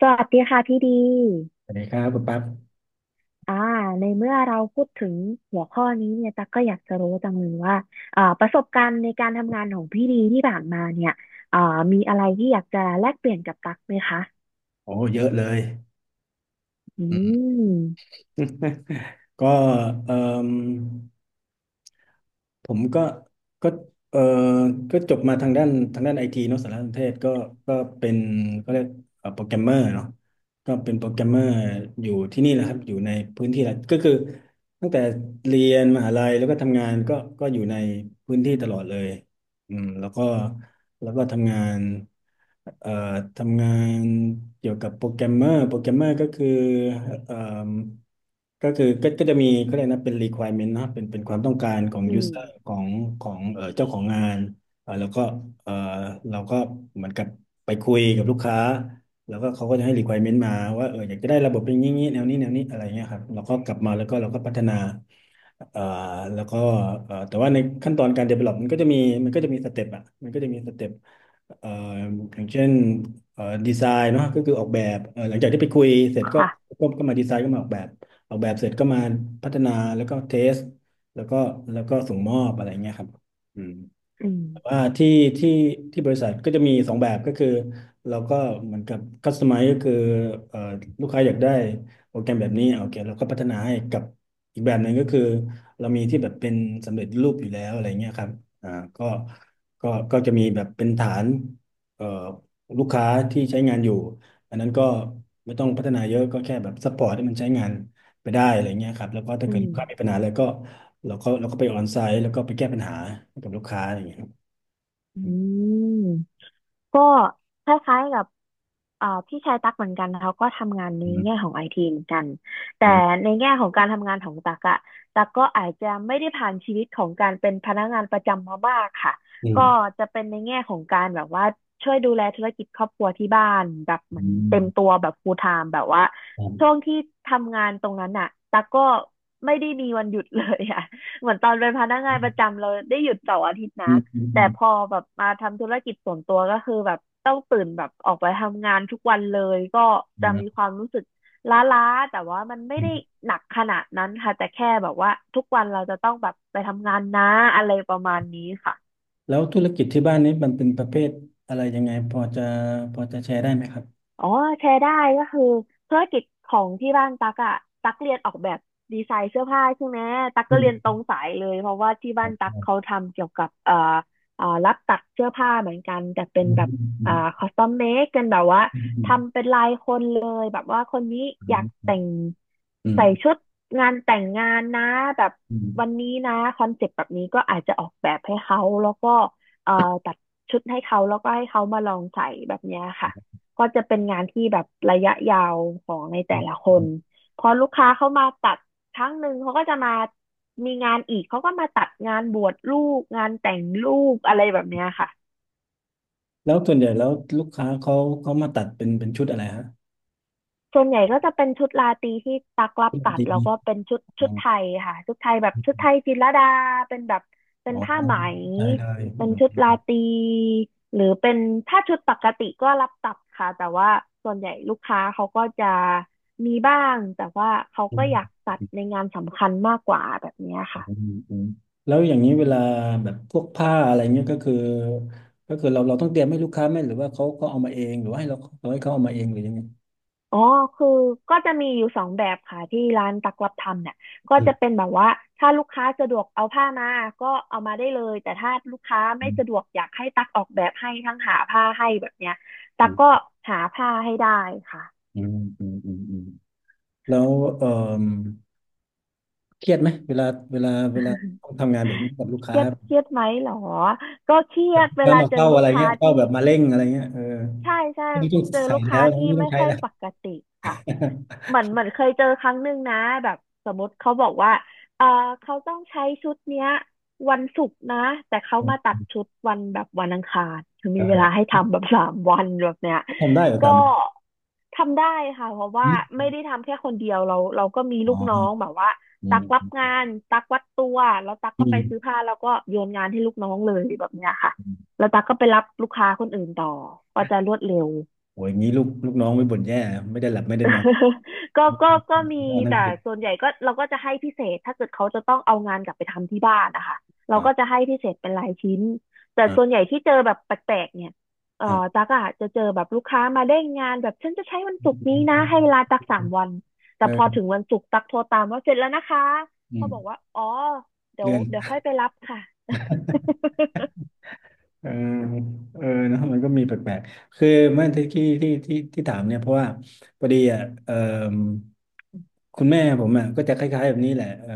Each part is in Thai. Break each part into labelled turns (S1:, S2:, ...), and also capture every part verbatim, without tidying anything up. S1: สวัสดีค่ะพี่ดี
S2: สวัสดีครับคุณปั๊บ
S1: อ่าในเมื่อเราพูดถึงหัวข้อนี้เนี่ยตั๊กก็อยากจะรู้จังเลยว่าอ่าประสบการณ์ในการทำงานของพี่ดีที่ผ่านมาเนี่ยอ่ามีอะไรที่อยากจะแลกเปลี่ยนกับตั๊กไหมคะ
S2: โอ้เยอะเลย
S1: อืม
S2: ก็เอ่มผมก็ก็เอ่อก็จบมาทางด้านทางด้านไอทีเนาะสารสนเทศก็ก็เป็นก็เรียกโปรแกรมเมอร์เนาะก็เป็นโปรแกรมเมอร์อยู่ที่นี่แหละครับอยู่ในพื้นที่แหละก็คือตั้งแต่เรียนมหาลัยแล้วก็ทำงานก็ก็อยู่ในพื้นที่ตลอดเลยอืมแล้วก็แล้วก็ทำงานเอ่อทำงานเกี่ยวกับโปรแกรมเมอร์โปรแกรมเมอร์ก็คือเอ่อ ก็คือก็ก็จะมีเขาเรียกนะเป็น requirement นะครับเป็นเป็นความต้องการของ
S1: อื
S2: user
S1: ม
S2: ของของเอ่อเจ้าของงานเอ่อแล้วก็เอ่อเราก็เหมือนกับไปคุยกับลูกค้าแล้วก็เขาก็จะให้ requirement มาว่าเอออยากจะได้ระบบเป็นอย่างนี้แนวนี้แนวนี้อะไรเงี้ยครับเราก็กลับมาแล้วก็เราก็พัฒนา เอ่อแล้วก็เอ่อแต่ว่าในขั้นตอนการ develop มันก็จะมีมันก็จะมีสเต็ปอ่ะมันก็จะมีสเต็ปเอ่ออย่างเช่นเอ่อดีไซน์เนาะก็คือออกแบบเอ่อหลังจากที่ไปคุยเสร็จก็
S1: ค่ะ
S2: ก็ก็มาดีไซน์ก็มาออกแบบออกแบบเสร็จก็มาพัฒนาแล้วก็เทสแล้วก็แล้วก็ส่งมอบอะไรเงี้ยครับอืม
S1: อืม
S2: แต่ว่าที่ที่ที่บริษัทก็จะมีสองแบบก็คือเราก็เหมือนกับ c u s t o m i z ก็คือเอ่อลูกค้าอยากได้โปรแกรมแบบนี้โอเคเราก็พัฒนาให้กับอีกแบบหนึ่งก็คือเรามีที่แบบเป็นสำเร็จรูปอยู่แล้วอะไรเงี้ยครับอ่าก็ก็ก็จะมีแบบเป็นฐานเอ่อลูกค้าที่ใช้งานอยู่อันนั้นก็ไม่ต้องพัฒนาเยอะก็แค่แบบซัพพอร์ตให้มันใช้งานไปได้อะไรเงี้ยครับแล้วก็ถ้า
S1: อื
S2: เกิด
S1: ม
S2: ลูกค้ามีปัญหาอะไรก็เราก็เราก็ไปออนไซต์แล้วก็ไปแก้ปัญหาให้กับลูกค้าอย่างเงี้ย
S1: อืม ก็คล้ายๆกับเอ่อพี่ชายตั๊กเหมือนกันเขาก็ทำงานใน
S2: อืม
S1: แง่ของไอทีเหมือนกันแต่
S2: อื
S1: ในแง่ของการทำงานของตั๊กอะตั๊กก็อาจจะไม่ได้ผ่านชีวิตของการเป็นพนักงานประจำมามากค่ะ
S2: ม
S1: ก็จะเป็นในแง่ของการแบบว่าช่วยดูแลธุรกิจครอบครัวที่บ้านแบบเหมื
S2: อื
S1: อนเต็มตัว
S2: ม
S1: แบบ ฟูลไทม์ แบบว่า
S2: ครั
S1: ช่ว
S2: บ
S1: งที่ทำงานตรงนั้นอะตั๊กก็ไม่ได้มีวันหยุดเลยอะ เหมือนตอนเป็นพนักงา
S2: อื
S1: นประ
S2: ม
S1: จำเราได้หยุดเสาร์อาทิตย์นะ
S2: อืมอืม
S1: แต่พอแบบมาทำธุรกิจส่วนตัวก็คือแบบต้องตื่นแบบออกไปทำงานทุกวันเลยก็จะ
S2: ครั
S1: มีค
S2: บ
S1: วามรู้สึกล้าๆแต่ว่ามันไม่
S2: อื
S1: ได้
S2: ม
S1: หนักขนาดนั้นค่ะแต่แค่แบบว่าทุกวันเราจะต้องแบบไปทำงานนะอะไรประมาณนี้ค่ะ
S2: แล้วธุรกิจที่บ้านนี้มันเป็นประเภทอะไรยังไงพอจะพอจะแชร์ได้ไหมครับ
S1: อ๋อแชร์ได้ก็คือธุรกิจของที่บ้านตักอะตักเรียนออกแบบดีไซน์เสื้อผ้าใช่ไหมตัก
S2: อื
S1: ก็เรียนตร
S2: ม
S1: งสายเลยเพราะว่าที่บ้านตัก
S2: อ
S1: เขาทำเกี่ยวกับเอ่อเอ่อรับตัดเสื้อผ้าเหมือนกันแต่เป็น
S2: อืม
S1: แบบ
S2: อื
S1: เอ่อ
S2: ม
S1: คอสตอมเมคกันแบบว่า
S2: อืมอืม
S1: ทำเป็นลายคนเลยแบบว่าคนนี้
S2: ค
S1: อ
S2: รั
S1: ยาก
S2: บ
S1: แต่ง
S2: อืม
S1: ใส่ชุดงานแต่งงานนะแบบ
S2: อื
S1: วัน
S2: ม
S1: นี้นะคอนเซ็ปต์แบบนี้ก็อาจจะออกแบบให้เขาแล้วก็เอ่อตัดชุดให้เขาแล้วก็ให้เขามาลองใส่แบบเนี้ยค่ะ ก็จะเป็นงานที่แบบระยะยาวของในแต่ละค
S2: อื
S1: น
S2: ม
S1: พอลูกค้าเข้ามาตัดครั้งหนึ่งเขาก็จะมามีงานอีกเขาก็มาตัดงานบวชลูกงานแต่งลูกอะไรแบบเนี้ยค่ะ
S2: แล้วส่วนใหญ่แล้วลูกค้าเขาเขามาตัดเป็นเป็นชุดอะไรฮะ
S1: ส่วนใหญ่ก็จะเป็นชุดราตรีที่ตักรับ
S2: ชุดอะ
S1: ตั
S2: ไร
S1: ดแล้ว
S2: ดี
S1: ก็เป็นชุด
S2: อ๋อ
S1: ชุดไทยค่ะชุดไทยแบบชุดไทยจิตรลดาเป็นแบบเป็
S2: อ๋อ
S1: นผ้าไหม
S2: เข้าใจเลยอื
S1: เป็นชุดรา
S2: ม
S1: ตรีหรือเป็นถ้าชุดปกติก็รับตัดค่ะแต่ว่าส่วนใหญ่ลูกค้าเขาก็จะมีบ้างแต่ว่าเขาก็อ
S2: อื
S1: ยากตัดใน
S2: ม
S1: งานสำคัญมากกว่าแบบเนี้ยค่ะ
S2: อืมอืมแล้วอย่างนี้เวลาแบบพวกผ้าอะไรเงี้ยก็คือก็คือเราเราต้องเตรียมให้ลูกค้าไหมหรือว่าเขาเขาเอามาเองหรือว่าให้เราเราให้เขาเอามาเองหรือยังไง
S1: อ๋อคือก็จะมีอยู่สองแบบค่ะที่ร้านตักรับทำเนี่ยก็
S2: อื
S1: จะเป็
S2: ม
S1: นแบบว่าถ้าลูกค้าสะดวกเอาผ้ามาก็เอามาได้เลยแต่ถ้าลูกค้าไม่สะด
S2: อ
S1: วกอยากให้ตักออกแบบให้ทั้งหาผ้าให้แบบเนี้ยตั
S2: ื
S1: ก
S2: ม
S1: ก็หาผ้าให้ได้ค่ะ
S2: อืมอืมอืมอืมอืมแล้วเออเครียดไหมเวลาเวลาเวลาต้อง ทำงานแบบนี้กับลูก
S1: เค
S2: ค้า
S1: รียดเค
S2: ล
S1: รียดไหมเหรอก็เครี
S2: ู
S1: ยด
S2: ก
S1: เว
S2: ค้า
S1: ลา
S2: มา
S1: เจอ
S2: เฝ้าอะ
S1: ลู
S2: ไร
S1: กค้า
S2: เงี้ยเฝ้า
S1: ที่
S2: แบบมาเร่งอะไรเงี้ยเออ
S1: ใช่ใช่
S2: ไม่ต้อง
S1: เจอ
S2: ใส่
S1: ลูก
S2: แล้
S1: ค้า
S2: ว
S1: ที่
S2: ไม่ต้อ
S1: ไม่
S2: งใช้
S1: ค่อย
S2: แล้ว
S1: ปกติค่ะเหมือนเหมือนเคยเจอครั้งหนึ่งนะแบบสมมติเขาบอกว่าเออเขาต้องใช้ชุดเนี้ยวันศุกร์นะแต่เขามาตัดชุดวันแบบวันอังคารคือ มีเวลา
S2: เออ
S1: ให้ทำแบบ สามวันแบบเนี้ย
S2: ทำได้เหรอ
S1: ก็
S2: ตาม
S1: ทำได้ค่ะเพราะว่า
S2: อม
S1: ไม่ได้ทำแค่คนเดียวเราเราก็มี
S2: อ๋
S1: ลูกน้อง
S2: อ
S1: แบบว่า
S2: อื
S1: ตั
S2: ม
S1: กรั
S2: อ
S1: บ
S2: ื
S1: งานตักวัดตัวแล้วตักก็ไปซื้อ
S2: ม
S1: ผ้าแล้วก็โยนงานให้ลูกน้องเลยแบบเนี้ยค่ะ
S2: อืม
S1: แล้วตั๊กก็ไปรับลูกค้าคนอื่นต่อก็จะรวดเร็ว
S2: โอ้ยอย่างนี้ลูกลูกน้องไม่บ่นแย่ไม่ได้หลับไม่ได้นอน
S1: ก็ก็ก็มี
S2: อ๋อนั่น
S1: แต่
S2: คือ
S1: ส่วนใหญ่ก็เราก็จะให้พิเศษถ้าเกิดเขาจะต้องเอางานกลับไปทำที่บ้านนะคะเรา
S2: อ่า
S1: ก็จะให้พิเศษเป็นรายชิ้นแต่ส่วน
S2: อ่า
S1: ใหญ่ที่เจอแบบแปลกๆเนี่ยเอ่อ
S2: อ่า
S1: ตักอะจะเจอแบบลูกค้ามาเร่งงานแบบฉันจะใช้วันศุกร์นี้นะให้เวลาตักสามวันแต่
S2: เอ
S1: พอถึง
S2: อ
S1: วันศุกร์ตักโทรตามว่าเสร็จแล้วนะคะ
S2: อื
S1: เขา
S2: ม
S1: บอกว่าอ๋อเดี๋ยว
S2: เลื่อน
S1: เดี๋ยวค่อยไปรับค่ะ
S2: เออเออเนอะมันก็มีแปลกๆ คือเมื่อที่ที่ที่ที่ที่ถามเนี่ยเพราะว่าพอดีอ่ะเออ คุณแม่ผมอ่ะก็จะคล้ายๆแบบนี้แหละเออ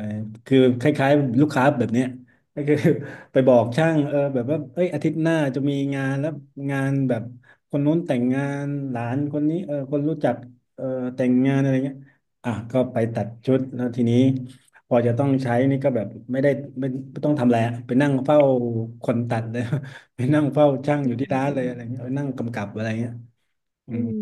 S2: คือคล้ายๆลูกค้าแบบเนี้ยก็คือ ไปบอกช่างเออแบบว่าเอ้ยอาทิตย์หน้าจะมีงานแล้วงานแบบคนนู้นแต่งงานหลานคนนี้เออคนรู้จักเออแต่งงานอะไรเงี้ยอ่ะก็ไปตัดชุดแล้วทีนี้พอจะต้องใช้นี่ก็แบบไม่ได้ไม่ไม่ต้องทำอะไรอะไปนั่งเฝ้าคนตัดเลย ไปนั่งเฝ้าช่างอ
S1: อื
S2: ยู่ที่ร้านเลยอะไร
S1: ม
S2: เงี้ยเออนั่งกำกับอะไรเงี้ยอื
S1: อื
S2: ม
S1: ม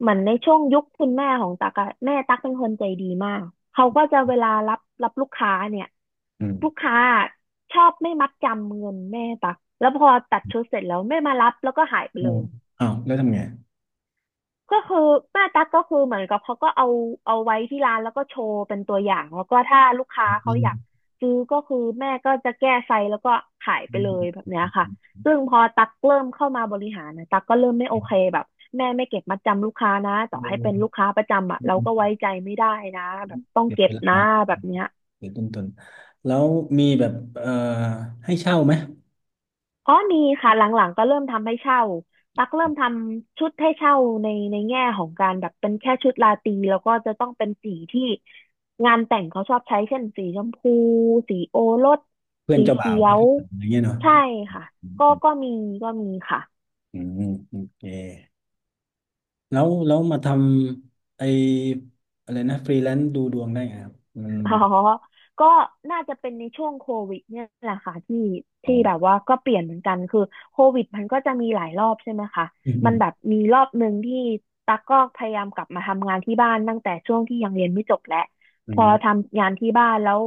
S1: เหมือนในช่วงยุคคุณแม่ของตั๊กอะแม่ตั๊กเป็นคนใจดีมากเขาก็จะเวลารับรับลูกค้าเนี่ย
S2: อื
S1: ลูก
S2: ม
S1: ค้าชอบไม่มัดจำเงินแม่ตั๊กแล้วพอตัดชุดเสร็จแล้วไม่มารับแล้วก็หายไป
S2: โอ้
S1: เลย
S2: อ้าวแล้วทำไง
S1: ก็คือหน้าตั๊กก็คือเหมือนกับเขาก็เอาเอาไว้ที่ร้านแล้วก็โชว์เป็นตัวอย่างแล้วก็ถ้าลูกค้าเขาอยากซื้อก็คือแม่ก็จะแก้ไซส์แล้วก็ขายไปเลยแบบเนี้ยค่ะซึ่งพอตั๊กเริ่มเข้ามาบริหารนะตั๊กก็เริ่มไม่โอ
S2: อื
S1: เค
S2: ม
S1: แบบแม่ไม่เก็บมัดจำลูกค้านะต่อให้เป็นลูกค้าประจำอ่ะ
S2: อื
S1: เราก็
S2: ม
S1: ไว้ใจไม่ได้นะแบบต้อง
S2: เสีย
S1: เก็
S2: เว
S1: บ
S2: ลา
S1: นะแบบเนี้ย
S2: เสียต้นทุนแล้วมีแบบเอ่อให้เช่าไหม
S1: อ๋อมีค่ะหลังๆก็เริ่มทำให้เช่าตักเริ่มทำชุดให้เช่าในในแง่ของการแบบเป็นแค่ชุดราตรีแล้วก็จะต้องเป็นสีที่งานแต่งเขาชอบใช้เช่นสีชมพูสีโอรส
S2: เพื่อน
S1: สี
S2: เจ้าบ่า
S1: เขี
S2: ว
S1: ย
S2: เพื่อน
S1: ว
S2: เจ้าสาวอะไรเงี้ยเนาะ
S1: ใช่ค่ะ
S2: อืม
S1: ก็
S2: อืม
S1: ก็มีก็มีค่ะ
S2: อืมโอเคแล้วแล้วมาทำไออะไรนะฟรีแลนซ์ดูดวงได้ไงครับมัน
S1: อ๋อก็น่าจะเป็นในช่วงโควิดเนี่ยแหละค่ะที่
S2: อ๋อ
S1: ที่แบบว่าก็เปลี่ยนเหมือนกันคือโควิดมันก็จะมีหลายรอบใช่ไหมคะ
S2: อืมอื
S1: มั
S2: ม
S1: นแบบมีรอบหนึ่งที่ตั๊กก็พยายามกลับมาทำงานที่บ้านตั้งแต่ช่วงที่ยังเรียนไม่จบแหละ
S2: อื
S1: พอ
S2: ม
S1: ทำงานที่บ้านแล้ว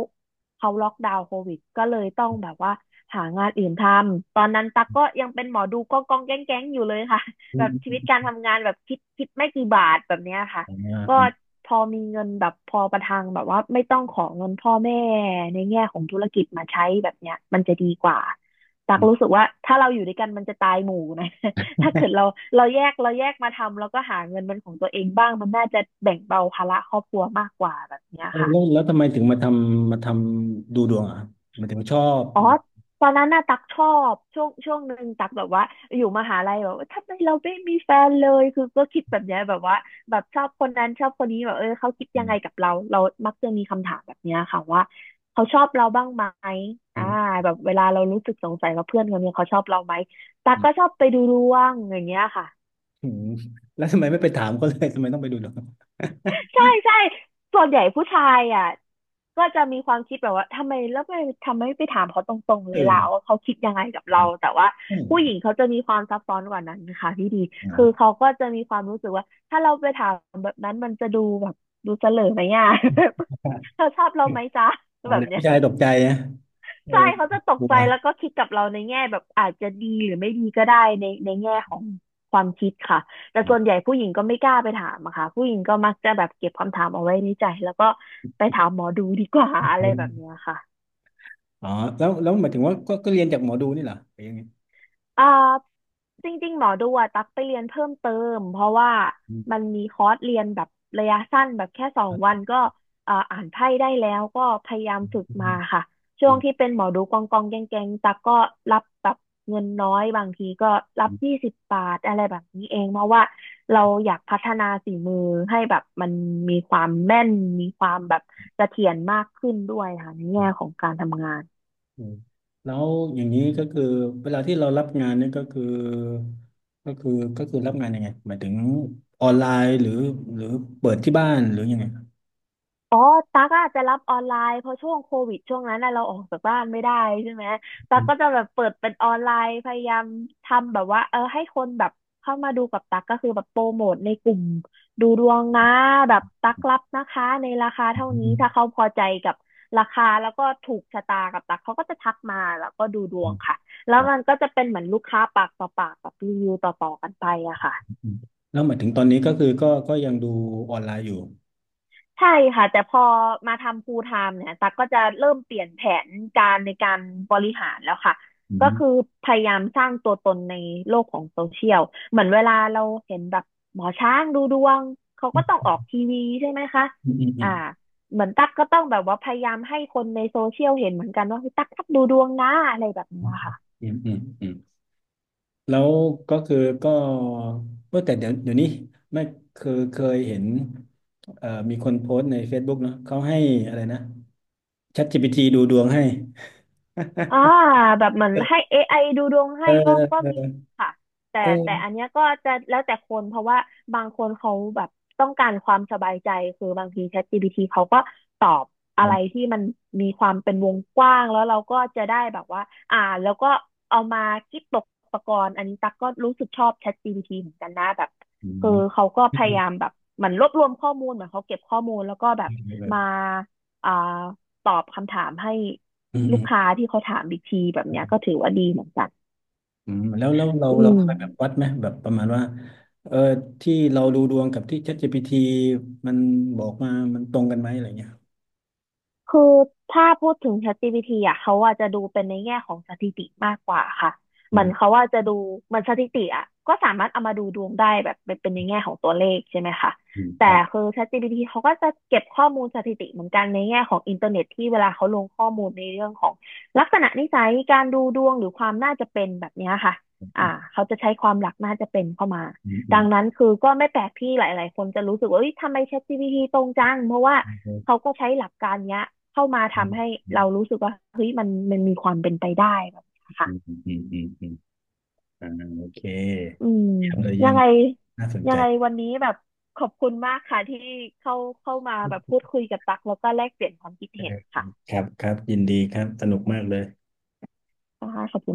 S1: เขาล็อกดาวน์โควิดก็เลยต้องแบบว่าหางานอื่นทำตอนนั้นตั๊กก็ยังเป็นหมอดูก็กองแก๊งแก๊งอยู่เลยค่ะ
S2: อื
S1: แบ
S2: ม
S1: บชี
S2: อืม
S1: วิตการ
S2: อืม
S1: ทำงานแบบคิดคิดไม่กี่บาทแบบเนี้ยค่ะ ก็
S2: อ
S1: พอมีเงินแบบพอประทังแบบว่าไม่ต้องขอเงินพ่อแม่ในแง่ของธุรกิจมาใช้แบบเนี้ยมันจะดีกว่าตัก
S2: ืม
S1: รู้สึกว่าถ้าเราอยู่ด้วยกันมันจะตายหมู่นะ ถ้าเกิดเราเราแยกเราแยกมาทำแล้วก็หาเงินเป็นของตัวเองบ้างมันน่าจะแบ่งเบาภาระครอบครัวมากกว่าแบบเนี้ย
S2: เออ
S1: ค่ะ
S2: แล้วแล้วทำไมถึงมาทำมาทำดูดวงอ่ะครับหมายถึงชอบ
S1: อ๋อ
S2: หรือ
S1: ตอนนั้นน่ะตักชอบช่วงช่วงหนึ่งตักแบบว่าอยู่มหาลัยแบบว่าทำไมเราไม่มีแฟนเลยคือก็คิดแบบเนี้ยแบบว่าแบบชอบคนนั้นชอบคนนี้แบบเออเขาคิด
S2: อื
S1: ยังไงกั
S2: ม
S1: บเราเรามักจะมีคำถามแบบเนี้ยค่ะว่าเขาชอบเราบ้างไหม
S2: อื
S1: อ่า
S2: ม
S1: แบบเวลาเรารู้สึกสงสัยว่าเพื่อนคนนี้เขาชอบเราไหมตักก็ชอบไปดูดวงอย่างเงี้ยค่ะ
S2: อืมแล้วทำไมไม่ไปถามเขาเลยทำไมต้องไปดูดวง
S1: ใช่ใช่ส่วนใหญ่ผู้ชายอ่ะก็จะมีความคิดแบบว่าทำไมแล้วไม่ทำไมไม่ไปถามเขาตรงๆเลยล่ะ
S2: เอ
S1: ว่าเขาคิดยังไงกับเราแต่ว่าผู้หญิ
S2: อ
S1: งเขาจะมีความซับซ้อนกว่านั้นนะคะพี่ดี
S2: อ๋
S1: คือ
S2: อ
S1: เขาก็จะมีความรู้สึกว่าถ้าเราไปถามแบบนั้นมันจะดูแบบดูเสลอไหมอ่ะ เธอชอบเราไหม จ๊ะ
S2: อ๋อ
S1: แบบ
S2: เดี๋ยว
S1: เนี้ย
S2: ผู้ชายตกใจนะเออ
S1: ใช่เขาจะต
S2: ก
S1: ก
S2: ลั
S1: ใจ
S2: ว
S1: แล้วก็คิดกับเราในแง่แบบอาจจะดีหรือไม่ดีก็ได้ในในแง่ของความคิดค่ะแต่ส่วนใหญ่ผู้หญิงก็ไม่กล้าไปถามอะค่ะผู้หญิงก็มักจะแบบเก็บคำถามเอาไว้ในใจแล้วก็ไปถามหมอดูดีกว่าอะไรแบบเนี้ยค่ะ
S2: อ๋อแล้วแล้วหมายถึงว่าก็ก็เรียนจากหมอดูนี่เหรอหรือยังไง
S1: เอ่อจริงๆหมอดูอะตักไปเรียนเพิ่มเติมเพราะว่า
S2: อื
S1: มั
S2: ม
S1: นมีคอร์สเรียนแบบระยะสั้นแบบแค่สองวันก็เอ่ออ่านไพ่ได้แล้วก็พยายาม
S2: อืม
S1: ฝึกมาค่ะช่
S2: อื
S1: วง
S2: ม
S1: ที่เป็นหมอดูกองกองแกงแกงตักก็รับแบบเงินน้อยบางทีก็รั
S2: อื
S1: บ
S2: ม
S1: ยี่สิบบาทอะไรแบบนี้เองเพราะว่าเราอยากพัฒนาฝีมือให้แบบมันมีความแม่นมีความแบบเสถียรมากขึ้นด้วยค่ะในแง่ของการทำงาน
S2: อืมแล้วอย่างนี้ก็คือเวลาที่เรารับงานเนี่ยก็คือก็คือก็คือรับงานยังไงหมายถึงออนไลน์หรือหรือเปิดที่บ้านหรือยังไง
S1: อ๋อตั๊กอาจจะรับออนไลน์เพราะช่วงโควิดช่วงนั้นน่ะเราออกจากบ้านไม่ได้ใช่ไหม
S2: อื
S1: ตั๊กก็
S2: ม
S1: จะแบบเปิดเป็นออนไลน์พยายามทำแบบว่าเออให้คนแบบเข้ามาดูกับตั๊กก็คือแบบโปรโมทในกลุ่มดูดวงนะแบบตั๊กรับนะคะในราคา
S2: อื
S1: เท่านี้ถ้า
S2: ม
S1: เขาพอใจกับราคาแล้วก็ถูกชะตากับตั๊กเขาก็จะทักมาแล้วก็ดูดวงค่ะแล้ว
S2: อ๋อ
S1: มันก็จะเป็นเหมือนลูกค้าปากต่อปากแบบรีวิวต่อๆกันไปอะค่ะ
S2: อืมแล้วหมายถึงตอนนี้ก็คือก็ก็ยังดูออนไลน์อยู่
S1: ใช่ค่ะแต่พอมาทำ ฟูล ไทม์ เนี่ยตั๊กก็จะเริ่มเปลี่ยนแผนการในการบริหารแล้วค่ะ
S2: อื
S1: ก็
S2: ม
S1: คือพยายามสร้างตัวตนในโลกของโซเชียลเหมือนเวลาเราเห็นแบบหมอช้างดูดวงเขาก็ต้องออกทีวีใช่ไหมคะ
S2: อืมอืมอื
S1: อ่าเหมือนตั๊กก็ต้องแบบว่าพยายามให้คนในโซเชียลเห็นเหมือนกันว่าเฮ้ยตั๊กตั๊กดูดวงนะอะไรแบบเนี้ย
S2: ม
S1: ค่ะ
S2: อืมอืมอืม แล้วก็คือก็เมื่อแต่เดี๋ยวเดี๋ยวนี้ไม่คือเคยเห็นเอ่อมีคนโพสต์ใน เฟซบุ๊ก เนาะเขาให้อะไรนะ ChatGPT ดูดวงให้
S1: อ่า แบบเหมือนให้เอไ i ดูดวง
S2: เอ
S1: ให้
S2: อ
S1: ก็ก็
S2: เอ
S1: มี
S2: อ
S1: ค่ะแต่แต่
S2: เออ
S1: อันเนี้ยก็จะแล้วแต่คนเพราะว่าบางคนเขาแบบต้องการความสบายใจคือบางที ChatGPT เขาก็ตอบอะ
S2: ผ
S1: ไร
S2: ม
S1: ที่มันมีความเป็นวงกว้างแล้วเราก็จะได้แบบว่าอ่านแล้วก็เอามาคิดตกตะกอนอันนี้ตักก็รู้สึกชอบ ChatGPT เหมือนกันนะแบบ
S2: อืม
S1: คือเขาก็
S2: อื
S1: พยา
S2: ม
S1: ยามแบบเหมือนรวบรวมข้อมูลเหมือนเขาเก็บข้อมูลแล้วก็แบ
S2: อื
S1: บมา
S2: ม
S1: อ่าตอบคำถามให้ ลูกค้าที่เขาถามอีกทีแบบเนี้ยก็ถือว่าดีเหมือนกัน
S2: แล้วแล้วเรา
S1: อื
S2: เรา
S1: ม
S2: เคยแบบวัดไหมแบบประมาณว่าเออที่เราดูดวงกับที่ ChatGPT มันบอกมามันตรงกันไหมอะไรเงี้ย
S1: คือถ้าพูดถึง แชท จี พี ที อ่ะเขาอาจจะดูเป็นในแง่ของสถิติมากกว่าค่ะ
S2: อื
S1: เหมือน
S2: ม
S1: เขาว่าจะดูเหมันสถิติอ่ะก็สามารถเอามาดูดวงได้แบบเป็นเป็นในแง่ของตัวเลขใช่ไหมคะ
S2: อืมค
S1: แต่
S2: รับ
S1: คือ ChatGPT เขาก็จะเก็บข้อมูลสถิติเหมือนกันในแง่ของอินเทอร์เน็ตที่เวลาเขาลงข้อมูลในเรื่องของลักษณะนิสัยการดูดวงหรือความน่าจะเป็นแบบเนี้ยค่ะอ่า
S2: อ
S1: เขาจะใช้ความหลักน่าจะเป็นเข้ามา
S2: ืมอื
S1: ดั
S2: ม
S1: งนั้นคือก็ไม่แปลกที่หลายๆคนจะรู้สึกว่าเอ้ยทำไม ChatGPT ตรงจังเพราะว่า
S2: อืมอื
S1: เขาก็ใช้หลักการเนี้ยเข้ามาทำให้เรารู้สึกว่าเฮ้ยมันมันมีความเป็นไปได้แบบนี้
S2: ม
S1: ยค่ะ
S2: อืมอืมอืม อ่าโอเค
S1: อืม
S2: เยี่ยมเลยเยี่
S1: ยั
S2: ยม
S1: งไง
S2: น่าสน
S1: ยั
S2: ใจ
S1: งไงวันนี้แบบขอบคุณมากค่ะที่เข้าเข้ามาแบบพูดคุยกับตักแล้วก็แลกเปลี่ยนความคิด
S2: เอ
S1: เห็น
S2: อ
S1: ค่ะ
S2: ครับครับยินดีครับสนุกมากเลย
S1: ค่ะขอบคุณ